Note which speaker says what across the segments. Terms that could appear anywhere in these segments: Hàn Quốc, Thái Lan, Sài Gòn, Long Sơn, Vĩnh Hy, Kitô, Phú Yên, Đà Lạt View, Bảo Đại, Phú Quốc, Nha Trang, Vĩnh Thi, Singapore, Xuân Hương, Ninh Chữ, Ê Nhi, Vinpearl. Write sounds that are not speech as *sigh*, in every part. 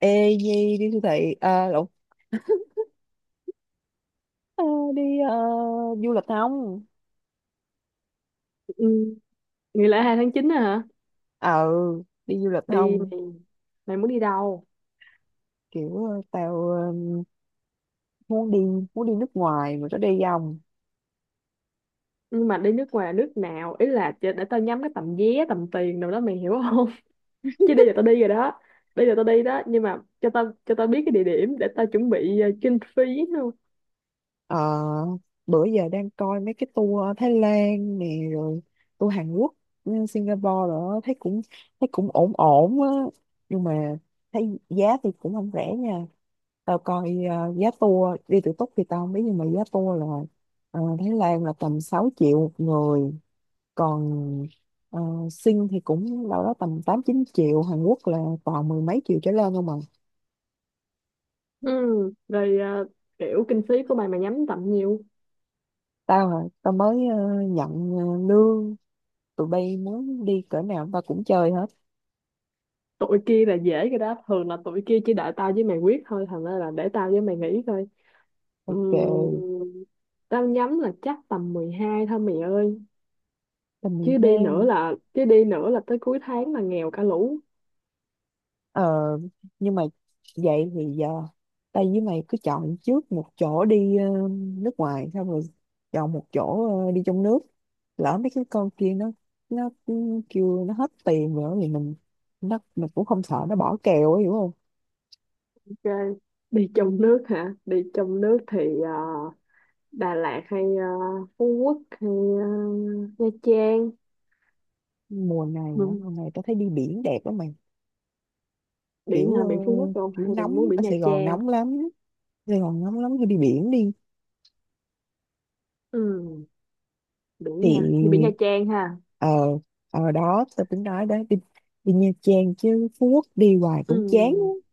Speaker 1: Ê Nhi đi siêu thị à, lộn. Ờ, đi ờ, du lịch không?
Speaker 2: Ừ. Nghỉ lễ 2 tháng 9 á hả?
Speaker 1: Ờ, đi du lịch
Speaker 2: Đi
Speaker 1: không?
Speaker 2: mày, mày muốn đi đâu?
Speaker 1: Kiểu tao muốn đi muốn đi nước ngoài mà có đi không?
Speaker 2: Nhưng mà đi nước ngoài nước nào? Ý là để tao nhắm cái tầm vé, tầm tiền đâu đó mày hiểu không? *laughs* Chứ đi là tao đi rồi đó. Đi là tao đi đó, nhưng mà cho tao biết cái địa điểm để tao chuẩn bị kinh phí luôn.
Speaker 1: Ờ, bữa giờ đang coi mấy cái tour Thái Lan nè, rồi tour Hàn Quốc, ừ, Singapore rồi đó, thấy cũng ổn ổn á nhưng mà thấy giá thì cũng không rẻ nha. Tao coi giá tour đi tự túc thì tao không biết nhưng mà giá tour là Thái Lan là tầm 6 triệu một người, còn ờ, sinh thì cũng đâu đó tầm 8 9 triệu, Hàn Quốc là toàn mười mấy triệu trở lên không à.
Speaker 2: Ừ, rồi ờ, kiểu kinh phí của mày, mày nhắm tầm nhiêu?
Speaker 1: Tao hả? Tao mới nhận lương, tụi bay muốn đi cỡ nào tao cũng chơi hết.
Speaker 2: Tụi kia là dễ cái đó, thường là tụi kia chỉ đợi tao với mày quyết thôi, thành ra là để tao với mày nghĩ coi. Ừ,
Speaker 1: Ok,
Speaker 2: tao nhắm là chắc tầm 12 thôi mày ơi.
Speaker 1: tầm
Speaker 2: chứ đi
Speaker 1: 12
Speaker 2: nữa
Speaker 1: nữa.
Speaker 2: là chứ đi nữa là tới cuối tháng là nghèo cả lũ.
Speaker 1: ờ nhưng mà vậy thì giờ tao với mày cứ chọn trước một chỗ đi nước ngoài, xong rồi chọn một chỗ đi trong nước, lỡ mấy cái con kia nó kêu nó hết tiền rồi thì mình, nó mình cũng không sợ nó bỏ kèo ấy, hiểu không?
Speaker 2: Ok. Đi trong nước hả? Đi trong nước thì ờ, Đà Lạt hay Phú Quốc hay ờ, Nha Trang.
Speaker 1: Mùa này hả?
Speaker 2: Ừ.
Speaker 1: Mùa này tao thấy đi biển đẹp lắm mày.
Speaker 2: Biển
Speaker 1: kiểu
Speaker 2: hả?
Speaker 1: ờ,
Speaker 2: Biển Phú Quốc không
Speaker 1: kiểu
Speaker 2: hay mình
Speaker 1: nóng
Speaker 2: muốn
Speaker 1: ở
Speaker 2: biển Nha
Speaker 1: Sài Gòn
Speaker 2: Trang?
Speaker 1: nóng lắm, Sài Gòn nóng lắm, cứ đi biển đi.
Speaker 2: Ừ.
Speaker 1: Thì
Speaker 2: Biển hả? Đi biển Nha Trang ha.
Speaker 1: ờ ở đó tao tính nói đó đi, đi Nha Trang chứ Phú Quốc đi hoài
Speaker 2: Ừ.
Speaker 1: cũng chán á.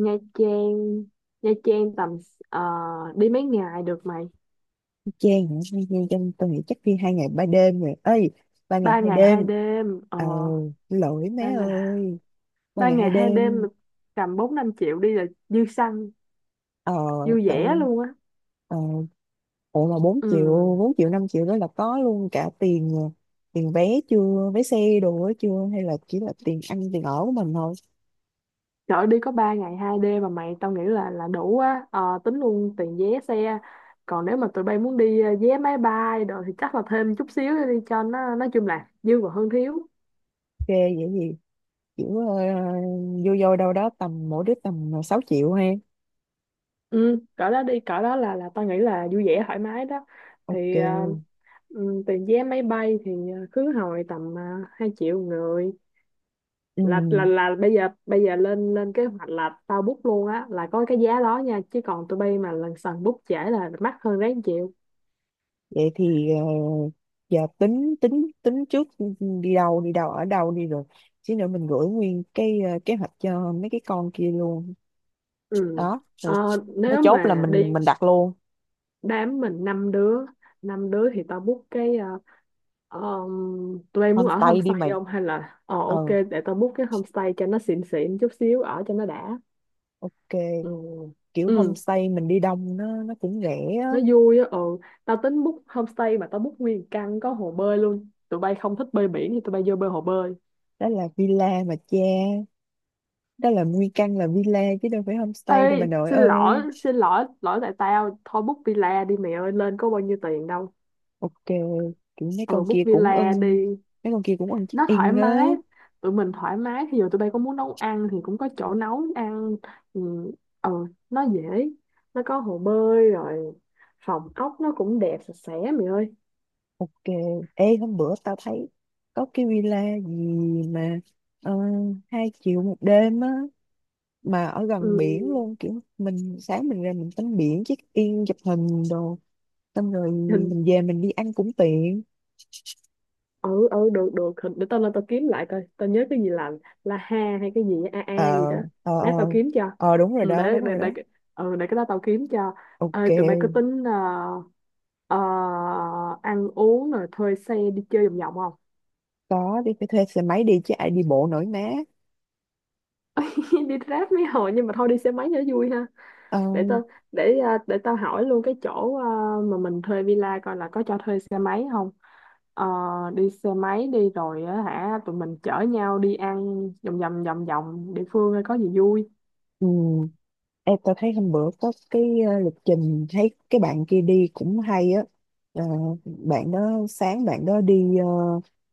Speaker 2: Nha Trang Nha Trang tầm ờ, đi mấy ngày được mày?
Speaker 1: Nha Trang hả? Nha Nha Trang trong tao nghĩ chắc đi 2 ngày 3 đêm rồi ơi, ba ngày
Speaker 2: Ba
Speaker 1: hai
Speaker 2: ngày hai
Speaker 1: đêm
Speaker 2: đêm
Speaker 1: ờ Lỗi
Speaker 2: ba
Speaker 1: mấy
Speaker 2: ngày.
Speaker 1: ơi, ba
Speaker 2: Ba
Speaker 1: ngày hai
Speaker 2: ngày hai đêm
Speaker 1: đêm.
Speaker 2: là tầm bốn năm triệu đi là dư xăng,
Speaker 1: ờ
Speaker 2: vui vẻ
Speaker 1: Tao.
Speaker 2: luôn á.
Speaker 1: ờ Ủa mà 4 triệu,
Speaker 2: Ừ,
Speaker 1: 4 triệu 5 triệu đó là có luôn cả tiền vé chưa, vé xe đồ ấy chưa, hay là chỉ là tiền ăn tiền ở của mình thôi?
Speaker 2: trời ơi, đi có 3 ngày 2 đêm mà mày, tao nghĩ là đủ á. Ờ, tính luôn tiền vé xe, còn nếu mà tụi bay muốn đi vé máy bay rồi thì chắc là thêm chút xíu đi cho nó, nói chung là dư và hơn thiếu.
Speaker 1: Ok, vậy gì kiểu vô vô đâu đó tầm mỗi đứa tầm 6 triệu ha.
Speaker 2: Ừ, cỡ đó đi, cỡ đó là tao nghĩ là vui vẻ thoải mái đó.
Speaker 1: Ok.
Speaker 2: thì ờ, tiền vé máy bay thì khứ hồi tầm 2 triệu người.
Speaker 1: Ừ.
Speaker 2: Là bây giờ lên lên kế hoạch là tao book luôn á, là có cái giá đó nha, chứ còn tụi bay mà lần sần book trễ là mắc hơn, ráng chịu.
Speaker 1: Vậy thì giờ tính tính tính trước, đi đâu, ở đâu đi rồi. Chứ nữa mình gửi nguyên cái kế hoạch cho mấy cái con kia luôn.
Speaker 2: Ừ.
Speaker 1: Đó, rồi
Speaker 2: Ờ,
Speaker 1: nó
Speaker 2: nếu
Speaker 1: chốt là
Speaker 2: mà đi
Speaker 1: mình đặt luôn.
Speaker 2: đám mình năm đứa thì tao book cái tụi em muốn ở
Speaker 1: Homestay đi
Speaker 2: homestay
Speaker 1: mày.
Speaker 2: không hay là, ờ, ok,
Speaker 1: Ờ,
Speaker 2: để tao book cái homestay cho nó xịn xịn chút xíu ở cho nó đã.
Speaker 1: ok.
Speaker 2: Ừ.
Speaker 1: Kiểu
Speaker 2: Ừ,
Speaker 1: homestay mình đi đông nó cũng rẻ á.
Speaker 2: nó vui á. Ừ, tao tính book homestay mà tao book nguyên căn có hồ bơi luôn, tụi bay không thích bơi biển thì tụi bay vô bơi hồ bơi.
Speaker 1: Đó là villa mà cha, đó là nguyên căn là villa chứ đâu phải
Speaker 2: Ê,
Speaker 1: homestay đâu bà nội
Speaker 2: xin lỗi
Speaker 1: ơi.
Speaker 2: xin lỗi, lỗi tại tao thôi, book villa đi mẹ ơi, lên có bao nhiêu tiền đâu.
Speaker 1: Ok, kiểu
Speaker 2: Ừ, book villa đi,
Speaker 1: mấy con kia cũng ưng check
Speaker 2: nó thoải
Speaker 1: in á.
Speaker 2: mái, tụi mình thoải mái, thì giờ tụi bay có muốn nấu ăn thì cũng có chỗ nấu ăn. ừ, ờ, nó dễ, nó có hồ bơi rồi, phòng ốc nó cũng đẹp sạch sẽ mày ơi.
Speaker 1: Ok. Ê hôm bữa tao thấy có cái villa gì mà ờ, 2 triệu một đêm á, mà ở
Speaker 2: Ừ,
Speaker 1: gần biển luôn kiểu mình sáng mình ra mình tắm biển check in chụp hình đồ, xong rồi
Speaker 2: hình.
Speaker 1: mình về mình đi ăn cũng tiện.
Speaker 2: Ừ ừ, được được, hình để tao lên tao kiếm lại coi, tao nhớ cái gì là la ha hay cái gì á, a
Speaker 1: ờ
Speaker 2: a gì đó.
Speaker 1: ờ ờ
Speaker 2: Lát tao kiếm cho.
Speaker 1: Ờ, đúng rồi
Speaker 2: ừ,
Speaker 1: đó,
Speaker 2: để
Speaker 1: đúng
Speaker 2: để
Speaker 1: rồi đó.
Speaker 2: để cái- ừ, để cái đó tao kiếm cho. Ê, tụi bay có
Speaker 1: Ok,
Speaker 2: tính ờ, ăn uống rồi thuê xe đi chơi vòng vòng không?
Speaker 1: có, đi phải thuê xe máy đi chứ ai đi bộ nổi má.
Speaker 2: *laughs* Đi Grab mấy hồi, nhưng mà thôi đi xe máy cho vui ha.
Speaker 1: ờ
Speaker 2: để tao để tao hỏi luôn cái chỗ mà mình thuê villa coi là có cho thuê xe máy không. Ờ, đi xe máy đi rồi á hả, tụi mình chở nhau đi ăn vòng vòng địa phương coi có gì vui.
Speaker 1: ừ. Em tao thấy hôm bữa có cái lịch trình thấy cái bạn kia đi cũng hay á. Ờ, bạn đó sáng bạn đó đi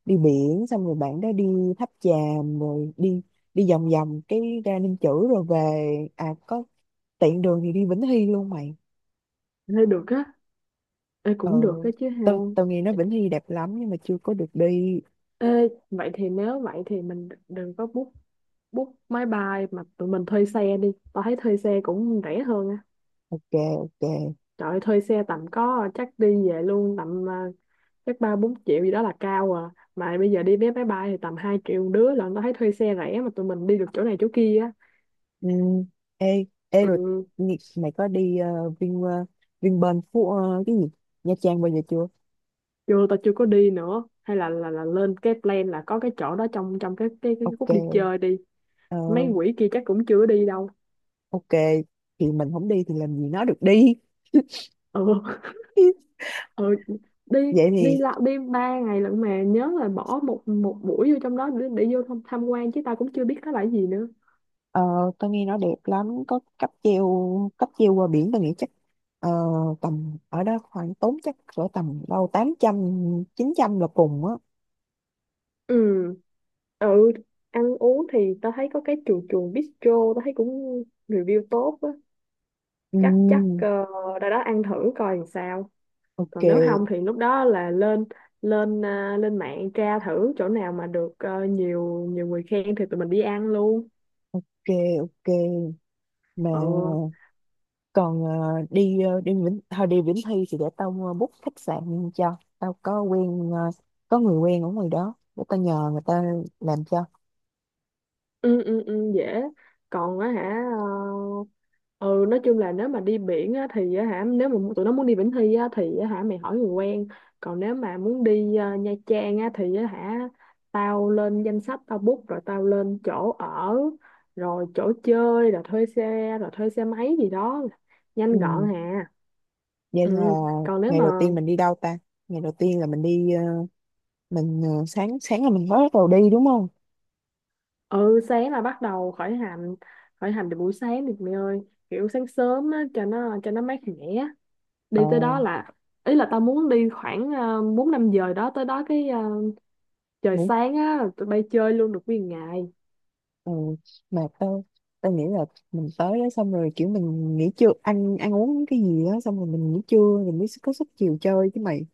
Speaker 1: đi biển, xong rồi bạn đó đi tháp chàm, rồi đi đi vòng vòng cái ra Ninh Chữ rồi về. À có, tiện đường thì đi Vĩnh Hy luôn mày.
Speaker 2: Thế được á. Ê,
Speaker 1: ờ
Speaker 2: cũng được á chứ ha.
Speaker 1: tao tao nghe nói Vĩnh Hy đẹp lắm nhưng mà chưa có được đi.
Speaker 2: Ê, vậy thì, nếu vậy thì mình đừng có book book máy bay mà tụi mình thuê xe đi, tao thấy thuê xe cũng rẻ hơn á.
Speaker 1: Ok, ok.
Speaker 2: Trời, thuê xe tầm có, chắc đi về luôn tầm chắc ba bốn triệu gì đó là cao à, mà bây giờ đi vé máy bay thì tầm 2 triệu một đứa, là tao thấy thuê xe rẻ mà tụi mình đi được chỗ này chỗ kia á.
Speaker 1: Ừ. ê ê rồi,
Speaker 2: Ừ,
Speaker 1: mày có đi Vinpearl cái gì, Nha Trang bao giờ chưa?
Speaker 2: chưa, tao chưa có đi nữa, hay là lên cái plan là có cái chỗ đó trong trong cái khúc đi
Speaker 1: Ok.
Speaker 2: chơi đi.
Speaker 1: ờ,
Speaker 2: Mấy quỷ kia chắc cũng chưa đi đâu.
Speaker 1: ok, thì mình không đi thì làm gì nó được đi.
Speaker 2: Ừ.
Speaker 1: *laughs*
Speaker 2: *laughs* Ừ, đi.
Speaker 1: Vậy
Speaker 2: Đi
Speaker 1: thì
Speaker 2: lại, đi ba ngày lận mà nhớ là bỏ một một buổi vô trong đó để vô tham quan, chứ tao cũng chưa biết nó là cái gì nữa.
Speaker 1: ờ, tao nghe nó đẹp lắm, có cáp treo, cáp treo qua biển, tao nghĩ chắc ờ, tầm ở đó khoảng tốn chắc cỡ tầm đâu 800 900 là cùng á.
Speaker 2: Ừ ừ, ăn uống thì tao thấy có cái chuồng chuồng bistro, tao thấy cũng review tốt á.
Speaker 1: Ừ,
Speaker 2: Chắc chắc ra đó ăn thử coi làm sao. Còn nếu không
Speaker 1: ok,
Speaker 2: thì lúc đó là lên, lên mạng tra thử chỗ nào mà được nhiều nhiều người khen thì tụi mình đi ăn luôn.
Speaker 1: ok, ok. Mà
Speaker 2: Ừ
Speaker 1: còn đi ờ, đi Vĩnh thôi đi Vĩnh Thi thì để tao book khách sạn, cho tao có có người quen ở ngoài đó để tao nhờ người ta làm cho.
Speaker 2: ừ ừ, ừ dễ. Còn á hả, ừ, nói chung là nếu mà đi biển á thì á hả, nếu mà tụi nó muốn đi Vĩnh Thi á thì á hả, mày hỏi người quen. Còn nếu mà muốn đi Nha Trang á thì á hả, tao lên danh sách, tao book rồi tao lên chỗ ở, rồi chỗ chơi, rồi thuê xe, rồi thuê xe máy gì đó, nhanh gọn
Speaker 1: Ừ,
Speaker 2: hà.
Speaker 1: vậy là
Speaker 2: Ừ, còn nếu
Speaker 1: ngày
Speaker 2: mà,
Speaker 1: đầu tiên mình đi đâu ta? Ngày đầu tiên là mình đi mình sáng sáng là mình mới bắt đầu đi đúng không?
Speaker 2: ừ, sáng là bắt đầu khởi hành. Khởi hành từ buổi sáng thì mày ơi, kiểu sáng sớm á cho nó, mát mẻ
Speaker 1: ờ
Speaker 2: đi tới đó, là ý là tao muốn đi khoảng bốn năm giờ đó, tới đó cái trời
Speaker 1: Ngủ.
Speaker 2: sáng á là tụi bay chơi luôn được nguyên ngày.
Speaker 1: Ừ. Mà tao tao nghĩ là mình tới đó xong rồi kiểu mình nghỉ trưa, ăn ăn uống cái gì đó, xong rồi mình nghỉ trưa mình mới có sức chiều chơi chứ mày.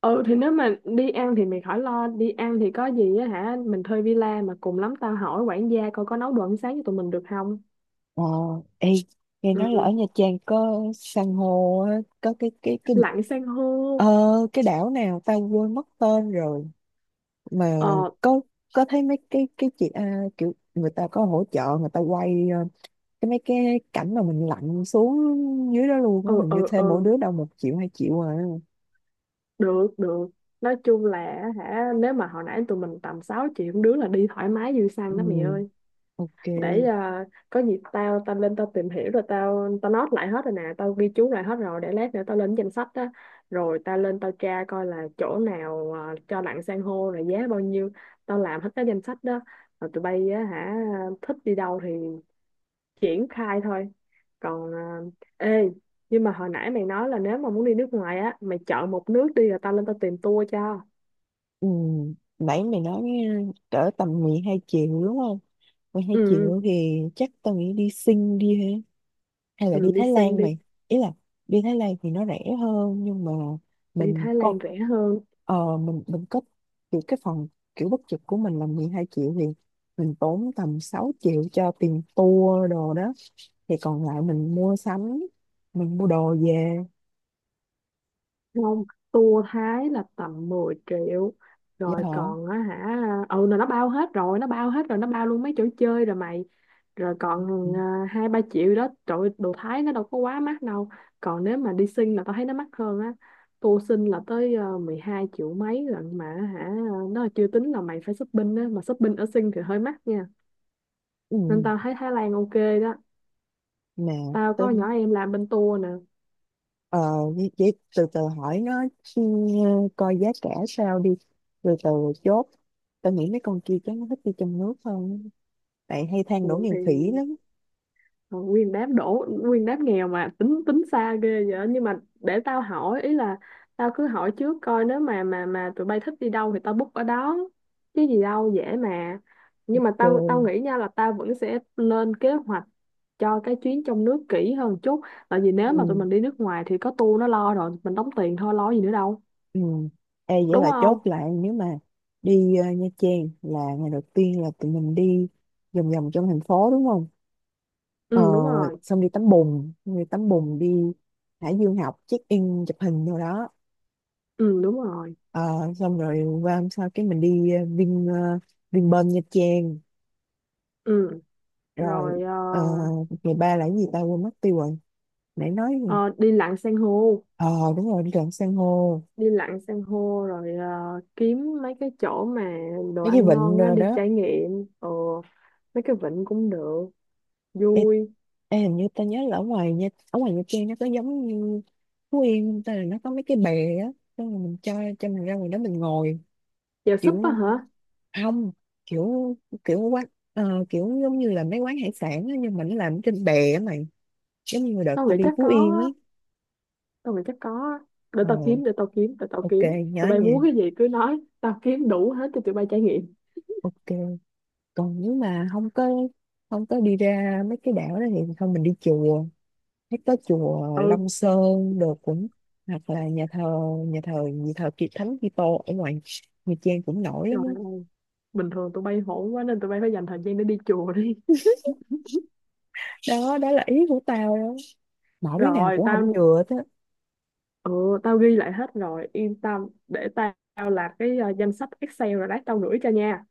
Speaker 2: Ừ, thì nếu mà đi ăn thì mày khỏi lo, đi ăn thì có gì á hả, mình thuê villa mà, cùng lắm tao hỏi quản gia coi có nấu đồ ăn sáng cho tụi mình được không.
Speaker 1: Ờ. Ê, nghe nói là ở
Speaker 2: Ừ,
Speaker 1: Nha Trang có san hô, á, có
Speaker 2: lặn san hô.
Speaker 1: ờ, cái đảo nào tao quên mất tên rồi mà.
Speaker 2: ờ
Speaker 1: có có thấy mấy cái chị à, kiểu người ta có hỗ trợ người ta quay cái mấy cái cảnh mà mình lặn xuống dưới đó luôn
Speaker 2: ừ
Speaker 1: á, hình
Speaker 2: ừ
Speaker 1: như
Speaker 2: ừ,
Speaker 1: thêm mỗi đứa đâu 1 triệu 2 triệu à.
Speaker 2: được được, nói chung là hả, nếu mà hồi nãy tụi mình tầm 6 triệu một đứa là đi thoải mái dư xăng đó mày
Speaker 1: Ừ,
Speaker 2: ơi.
Speaker 1: ok.
Speaker 2: Có gì tao tao lên tao tìm hiểu rồi tao tao note lại hết rồi nè, tao ghi chú lại hết rồi, để lát nữa tao lên danh sách đó, rồi tao lên tao tra coi là chỗ nào cho lặn san hô rồi giá bao nhiêu, tao làm hết cái danh sách đó, rồi tụi bay á hả, thích đi đâu thì triển khai thôi. Còn ê, nhưng mà hồi nãy mày nói là nếu mà muốn đi nước ngoài á, mày chọn một nước đi rồi tao lên tao tìm tour cho.
Speaker 1: Ừ, nãy mày nói cỡ tầm 12 triệu đúng không? mười Hai
Speaker 2: Ừ ừ,
Speaker 1: triệu thì chắc tao nghĩ đi sinh đi ha, hay là đi
Speaker 2: ừ, đi
Speaker 1: Thái
Speaker 2: Sing
Speaker 1: Lan
Speaker 2: đi.
Speaker 1: mày? Ý là đi Thái Lan thì nó rẻ hơn nhưng mà
Speaker 2: Đi
Speaker 1: mình
Speaker 2: Thái
Speaker 1: có
Speaker 2: Lan rẻ hơn
Speaker 1: mình có kiểu cái phần kiểu bất trực của mình là 12 triệu, thì mình tốn tầm 6 triệu cho tiền tour đồ đó, thì còn lại mình mua sắm, mình mua đồ về.
Speaker 2: không? Tour Thái là tầm 10 triệu,
Speaker 1: Dạ
Speaker 2: rồi
Speaker 1: hả?
Speaker 2: còn á hả, ừ, là nó bao hết rồi, nó bao hết rồi, nó bao luôn mấy chỗ chơi rồi mày, rồi
Speaker 1: Ừ. Ừ.
Speaker 2: còn hai ba triệu đó, trời ơi, đồ Thái nó đâu có quá mắc đâu. Còn nếu mà đi Sinh là tao thấy nó mắc hơn á, tour Sinh là tới 12 triệu mấy rồi mà hả, nó là chưa tính là mày phải shopping á, mà shopping ở Sinh thì hơi mắc nha, nên
Speaker 1: Ừ,
Speaker 2: tao thấy Thái Lan ok đó.
Speaker 1: mà
Speaker 2: Tao có
Speaker 1: tính
Speaker 2: nhỏ em làm bên tour nè.
Speaker 1: ờ vậy vậy từ từ hỏi nó, ừ, coi giá cả sao đi, từ từ chốt. Tao nghĩ mấy con kia chắc nó thích đi trong nước hơn, bạn hay than đổ
Speaker 2: Ừ,
Speaker 1: nghèo
Speaker 2: thì
Speaker 1: khỉ lắm.
Speaker 2: rồi, nguyên đám đổ nguyên đám nghèo mà tính tính xa ghê vậy, nhưng mà để tao hỏi ý là, tao cứ hỏi trước coi nếu mà tụi bay thích đi đâu thì tao book ở đó, chứ gì đâu dễ mà. Nhưng mà tao,
Speaker 1: Ừ.
Speaker 2: tao nghĩ nha, là tao vẫn sẽ lên kế hoạch cho cái chuyến trong nước kỹ hơn chút, tại vì nếu mà tụi
Speaker 1: Ừ.
Speaker 2: mình đi nước ngoài thì có tour nó lo rồi, mình đóng tiền thôi, lo gì nữa đâu,
Speaker 1: Ừ. Ê, vậy
Speaker 2: đúng
Speaker 1: là
Speaker 2: không?
Speaker 1: chốt lại nếu mà đi Nha Trang là ngày đầu tiên là tụi mình đi vòng vòng trong thành phố đúng không? Ờ,
Speaker 2: Ừ, đúng rồi.
Speaker 1: xong đi tắm bùn, đi Hải Dương học check in chụp hình rồi đó.
Speaker 2: Ừ, đúng rồi.
Speaker 1: Ờ, xong rồi qua hôm sau cái mình đi Vinpearl Nha Trang
Speaker 2: Ừ,
Speaker 1: rồi.
Speaker 2: rồi
Speaker 1: ờ, Ngày ba là cái gì ta, quên mất tiêu rồi, nãy nói gì?
Speaker 2: ờ, đi lặn san hô.
Speaker 1: ờ Đúng rồi, đi lặn san hô,
Speaker 2: Đi lặn san hô rồi kiếm mấy cái chỗ mà đồ
Speaker 1: mấy cái
Speaker 2: ăn
Speaker 1: vịnh
Speaker 2: ngon á,
Speaker 1: rồi
Speaker 2: đi
Speaker 1: đó.
Speaker 2: trải nghiệm mấy cái vịnh cũng được,
Speaker 1: Ê.
Speaker 2: vui.
Speaker 1: Ê, hình như tao nhớ là ở ngoài nha, ở ngoài Nha Trang nó có giống như Phú Yên không ta, là nó có mấy cái bè á, xong rồi mình cho mình ra ngoài đó mình ngồi
Speaker 2: Chèo súp á
Speaker 1: kiểu,
Speaker 2: hả?
Speaker 1: không, kiểu, quán kiểu giống như là mấy quán hải sản á, nhưng mà nó làm trên bè á mày, giống như đợt
Speaker 2: Tao
Speaker 1: tao
Speaker 2: nghĩ
Speaker 1: đi
Speaker 2: chắc
Speaker 1: Phú
Speaker 2: có
Speaker 1: Yên ấy.
Speaker 2: á, tao nghĩ chắc có á, để
Speaker 1: ờ
Speaker 2: tao kiếm, để tao kiếm, để tao
Speaker 1: ok,
Speaker 2: kiếm,
Speaker 1: nhớ
Speaker 2: tụi bay
Speaker 1: nha.
Speaker 2: muốn cái gì cứ nói, tao kiếm đủ hết cho tụi bay trải nghiệm.
Speaker 1: Ok. Còn nếu mà không có đi ra mấy cái đảo đó thì thôi mình đi chùa. Thấy có chùa
Speaker 2: Ừ,
Speaker 1: Long Sơn được cũng, hoặc là nhà thờ, nhà thờ Kiệt Thánh Kitô ở ngoài Nha Trang cũng nổi lắm
Speaker 2: trời
Speaker 1: á.
Speaker 2: ơi, bình thường tụi bay hổn quá nên tụi bay phải dành thời gian để đi chùa đi.
Speaker 1: Đó, đó là ý của tao đó, mỗi đứa nào
Speaker 2: Rồi
Speaker 1: cũng
Speaker 2: tao,
Speaker 1: không vừa thế.
Speaker 2: ừ, tao ghi lại hết rồi yên tâm, để tao làm cái danh sách Excel rồi lát tao gửi cho nha.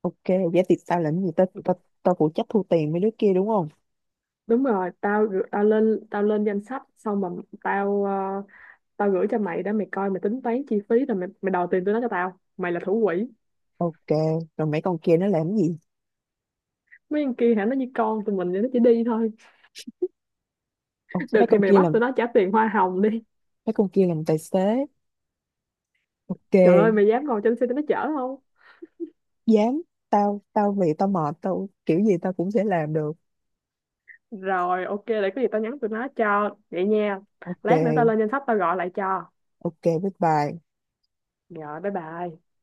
Speaker 1: Ok, vậy thì tao làm gì, tao tao tao phụ trách thu tiền mấy đứa kia đúng không?
Speaker 2: Đúng rồi, tao lên danh sách xong mà, tao ờ, tao gửi cho mày đó, mày coi mày tính toán chi phí rồi mày, mày đòi tiền tụi nó cho tao, mày là thủ quỹ.
Speaker 1: Ok. Rồi mấy con kia nó làm gì?
Speaker 2: Mấy con kia hả, nó như con tụi mình vậy, nó chỉ đi thôi.
Speaker 1: Ồ,
Speaker 2: Được thì mày bắt tụi nó trả tiền hoa hồng đi.
Speaker 1: mấy con kia làm tài xế.
Speaker 2: Trời ơi,
Speaker 1: Ok.
Speaker 2: mày dám ngồi trên xe tụi nó chở không?
Speaker 1: Dám. Tao tao vì tao mệt tao kiểu gì tao cũng sẽ làm được.
Speaker 2: Rồi ok, để có gì tao nhắn tụi nó cho vậy nha. Lát nữa tao
Speaker 1: Ok,
Speaker 2: lên danh sách tao gọi lại cho.
Speaker 1: ok, bye bye.
Speaker 2: Rồi, bye bye.